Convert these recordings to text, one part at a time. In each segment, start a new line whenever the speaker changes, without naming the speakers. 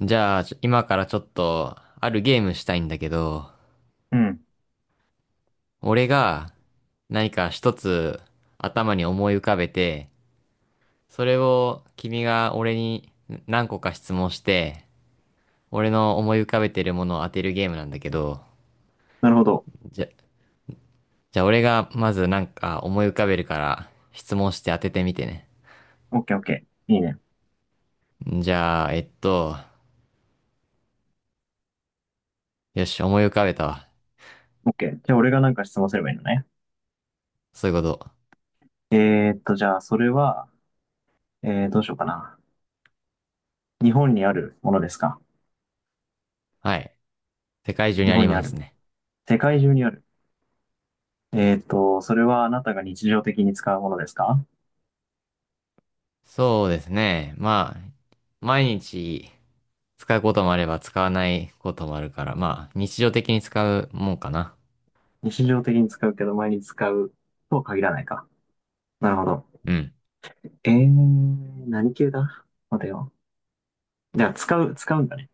じゃあ、今からちょっと、あるゲームしたいんだけど、
うん。
俺が何か一つ頭に思い浮かべて、それを君が俺に何個か質問して、俺の思い浮かべてるものを当てるゲームなんだけど、
なるほど。
じゃ、じゃあ俺がまずなんか思い浮かべるから質問して当ててみてね。
オッケーオッケー。いいね。
じゃあ、よし、思い浮かべたわ。
オッケー。じゃあ俺がなんか質問すればいいのね。
そういうこと。
じゃあそれは、どうしようかな。日本にあるものですか？
はい。世界中に
日
あ
本
り
にあ
ます
る。
ね。
世界中にある。それはあなたが日常的に使うものですか？
そうですね。まあ、毎日、使うこともあれば使わないこともあるから、まあ、日常的に使うもんかな。
日常的に使うけど毎日使うとは限らないか。なるほど。
うん。
何系だ？待てよ。じゃあ使うんだね。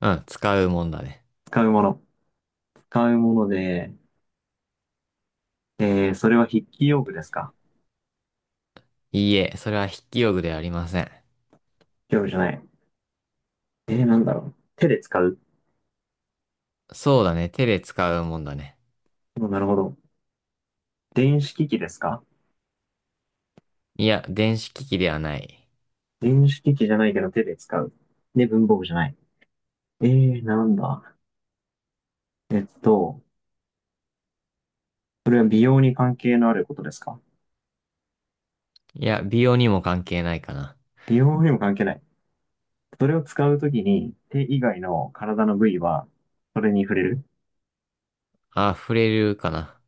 うん、使うもんだね。
使うもの。使うもので、それは筆記用具ですか？
いいえ、それは筆記用具ではありません。
用具じゃない。なんだろう。手で使う？
そうだね、手で使うもんだね。
うん。なるほど。電子機器ですか？
いや、電子機器ではない。
電子機器じゃないけど手で使う。で、文房具じゃない。なんだ。えっと、それは美容に関係のあることですか？
いや、美容にも関係ないかな。
美容にも関係ない。それを使うときに手以外の体の部位はそれに触れる？
あ、触れるかな。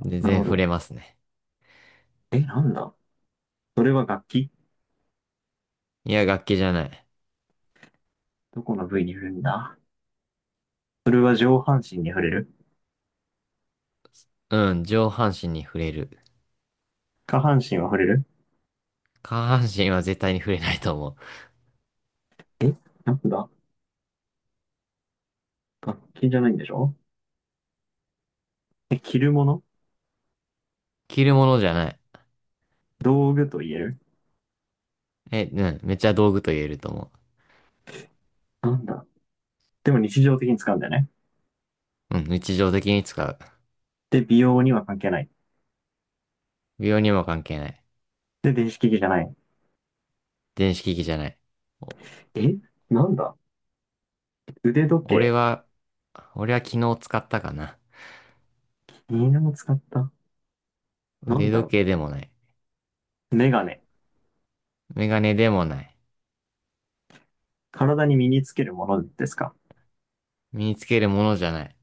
全
なる
然
ほ
触
ど。
れますね。
え、なんだ。それは楽器？
いや、楽器じゃない。
どこの部位に触れるんだ？それは上半身に触れる？
うん、上半身に触れる。
下半身は触れる？
下半身は絶対に触れないと思う。
え、なんだ。楽器じゃないんでしょ？え、着るもの？
着るものじゃない。
道具と言える？
え、うん、めっちゃ道具と言えると思
なんだ。でも日常的に使うんだよね。
う。うん、日常的に使う。
で、美容には関係ない。
美容にも関係ない。
で、電子機器じゃない。
電子機器じゃない。お。
え、なんだ？腕時
俺
計？
は、俺は昨日使ったかな。
犬も使った？なん
腕
だ
時
ろ
計でもない。
う、メガネ。
メガネでもない。
体に身につけるものですか？
身につけるものじゃない。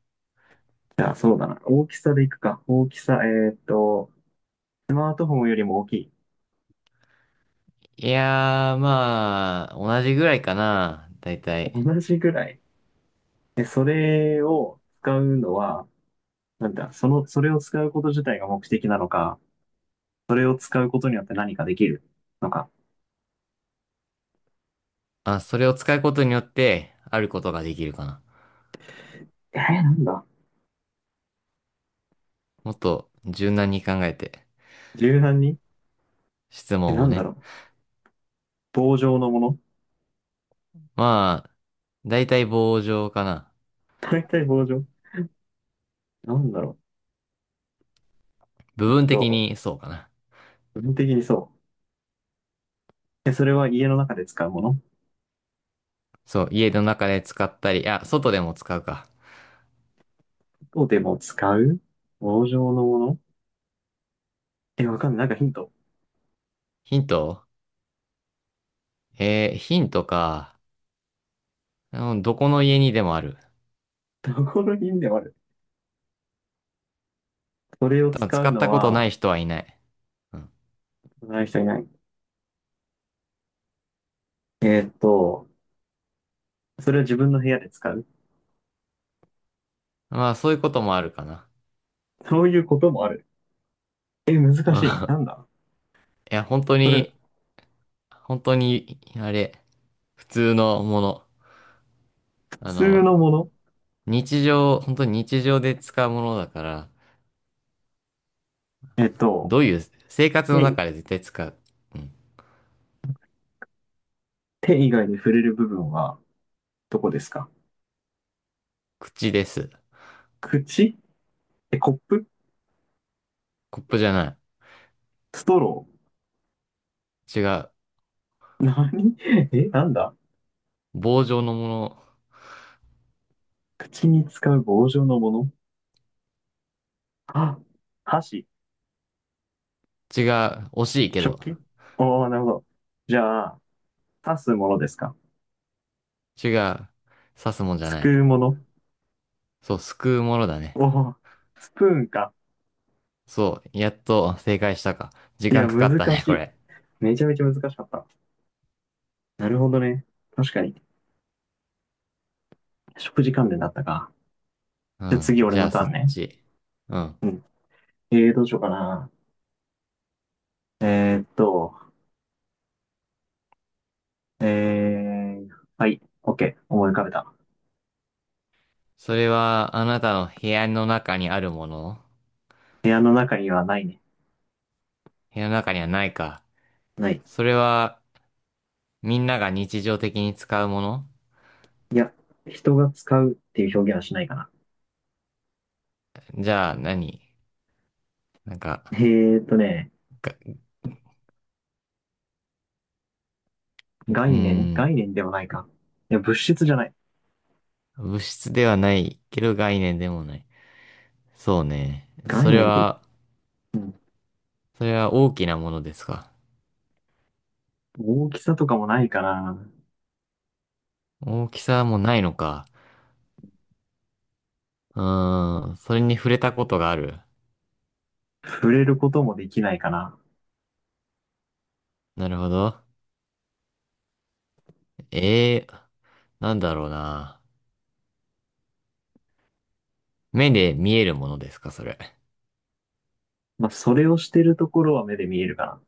じゃあ、そうだな。大きさでいくか。大きさ、スマートフォンよりも大きい。
いやー、まあ、同じぐらいかな。だいたい。
同じぐらい。で、それを使うのは、なんだ、その、それを使うこと自体が目的なのか、それを使うことによって何かできるのか。
あ、それを使うことによって、あることができるかな。
なんだ？
もっと柔軟に考えて、
柔軟に。
質
え、
問
な
を
んだ
ね。
ろう？棒状のもの？
まあ、だいたい棒状かな。
大体棒状？なんだろ？
部分的
そ
にそうかな。
う。基本的にそう。で、それは家の中で使うもの？
そう、家の中で使ったり、あ、外でも使うか。
外でも使う？棒状のもの。え、わかんない。なんかヒント。
ヒント。ヒントか。うん、どこの家にでもある。
どこのヒントもある。それを
多分
使
使
う
っ
の
たことない
は、
人はいない。うん。
使う人いない。えーっと、それは自分の部屋で使う。
まあ、そういうこともあるかな。
そういうこともある。え、難
う
しい。
ん。
なんだ？
いや、本当
それ、
に、本当に、あれ、普通のもの。
普
あ
通
の、
のもの？
日常、本当に日常で使うものだから、
えーっと、
どういう、生活の
手、
中で絶対使う。うん。
手以外で触れる部分は、どこですか？
口です。
口。え、コップ？
コップじゃな
ストロ
い。違う。
ー？何？ え、なんだ？
棒状のもの。
口に使う棒状のもの？あ、箸。
違う。惜しいけ
食
ど。
器？おー、なるほど。じゃあ、刺すものですか？
違う。刺すもんじゃ
す
な
く
い。
うもの？
そう、すくうものだね。
おー、スプーンか。
そう、やっと正解したか。時
い
間
や、
かかった
難
ね、
し
こ
い。
れ。
めちゃめちゃ難しかった。なるほどね。確かに。食事関連だったか。
う
じゃあ
ん。
次、俺
じゃ
の
あ、
タ
そ
ーン
っ
ね。
ち。うん。
うん。どうしようかな。えーっと、えー、はい。OK。思い浮かべた。
それは、あなたの部屋の中にあるもの。
部屋の中にはないね。
部屋の中にはないか。
ない。
それは、みんなが日常的に使うもの。
いや、人が使うっていう表現はしないかな。
じゃあ何、なん
え
か、
ーっとね、
が、う
概
ー
念
ん、
概念でもないか。いや、物質じゃない。
物質ではないけど概念でもない。そうね。そ
概
れ
念って。
は、
うん。
それは大きなものですか。
大きさとかもないかな。
大きさもないのか。うーん、それに触れたことがある。
触れることもできないかな。
なるほど。ええー、なんだろうな。目で見えるものですか、それ。
まあ、それをしてるところは目で見えるかな。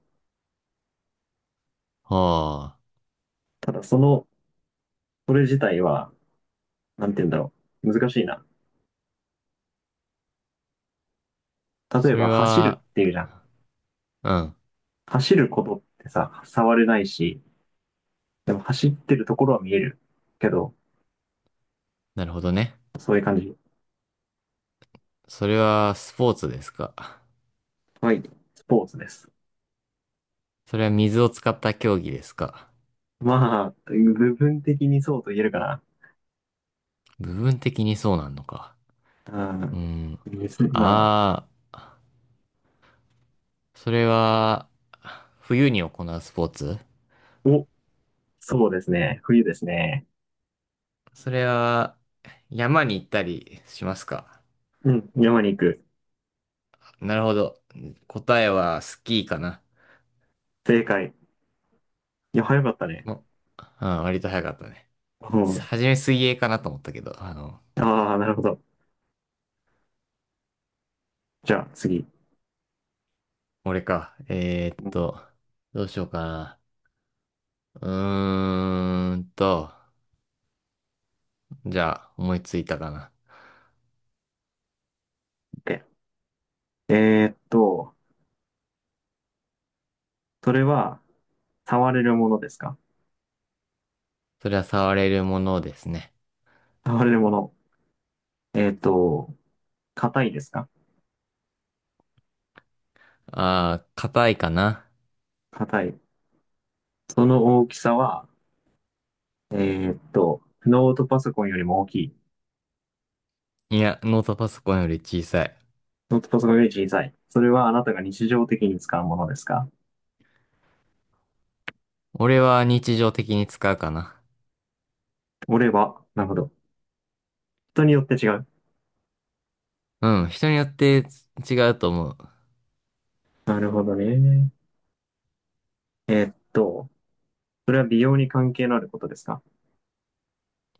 はあ。
ただ、その、それ自体は、なんて言うんだろう。難しいな。例え
それ
ば、走る
は、
っていうじゃん。
うん。
走ることってさ、触れないし、でも走ってるところは見えるけど、
なるほどね。
そういう感じ。
それはスポーツですか。
はい。スポーツです。
それは水を使った競技ですか。
まあ、部分的にそうと言えるか
部分的にそうなんのか。
な。
うん。
うん。ですね。ま
ああ、それは、冬に行うスポーツ。
あ、お、そうですね。冬ですね。
それは、山に行ったりしますか。
うん、山に行く。
なるほど。答えはスキーかな。
正解。いや、早かったね。
も、うん、割と早かったね。
うん。
はじめ水泳かなと思ったけど、
ああ、なるほど。じゃあ、次。
俺か。
うん。
どうしようかな。うーんと、じゃあ、思いついたかな。
OK。 えーっと、それは、触れるものですか？
それは触れるものですね。
触れるもの。えーっと、硬いですか？
あー、硬いかな。
硬い。その大きさは、ノートパソコンよりも大きい。
いや、ノートパソコンより小さい。
ノートパソコンより小さい。それはあなたが日常的に使うものですか？
俺は日常的に使うかな。
俺は、なるほど。人によって違う。
うん、人によって違うと思う。
なるほどね。えーっと、それは美容に関係のあることですか？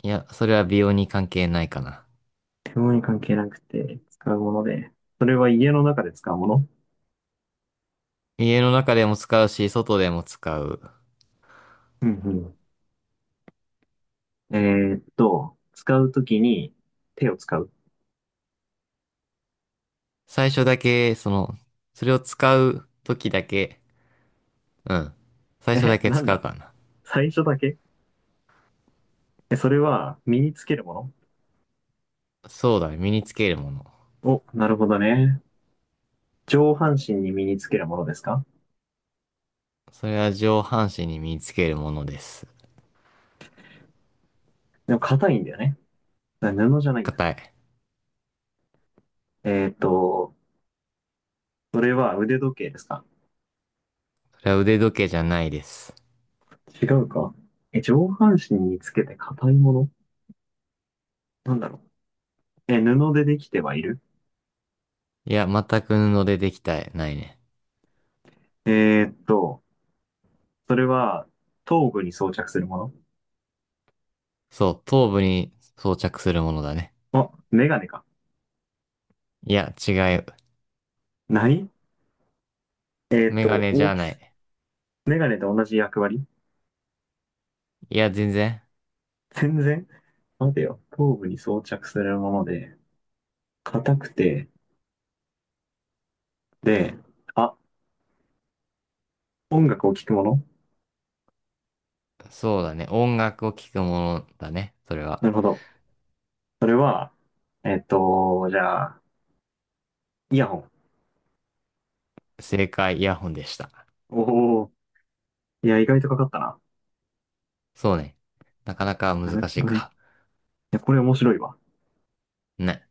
いや、それは美容に関係ないかな。
美容に関係なくて使うもので、それは家の中で使うもの？
家の中でも使うし、外でも使う。
うん、うん。使うときに手を使う。
最初だけ、その、それを使う時だけ、うん。最初だ
え、
け
なん
使う
だ？
かな。
最初だけ？え、それは身につけるも
そうだ、ね、身につけるもの。
の？お、なるほどね。上半身に身につけるものですか？
それは上半身に身につけるものです。
でも硬いんだよね。布じゃないんだ。
硬い。
えーっと、それは腕時計ですか？
それは腕時計じゃないです。
違うか。え、上半身につけて硬いもの。なんだろう。え、布でできてはいる？
いや、全く布でできた、ないね。
えーっと、それは頭部に装着するも
そう、頭部に装着するものだね。
の？あ、メガネか。
いや、違う。
ない。えーっ
メガ
と、
ネじ
大
ゃ
き
ない。
メガネと同じ役割？
いや、全然。
全然。待てよ。頭部に装着するもので、硬くて、で、あ、音楽を聴くもの？
そうだね。音楽を聴くものだね。それは。
なるほど。それは、じゃあ、イヤホン。
正解、イヤホンでした。
おお、いや、意外とかかったな。
そうね。なかなか
なる
難し
ほ
い
どね。い
か。
や、これ面白いわ。
ね。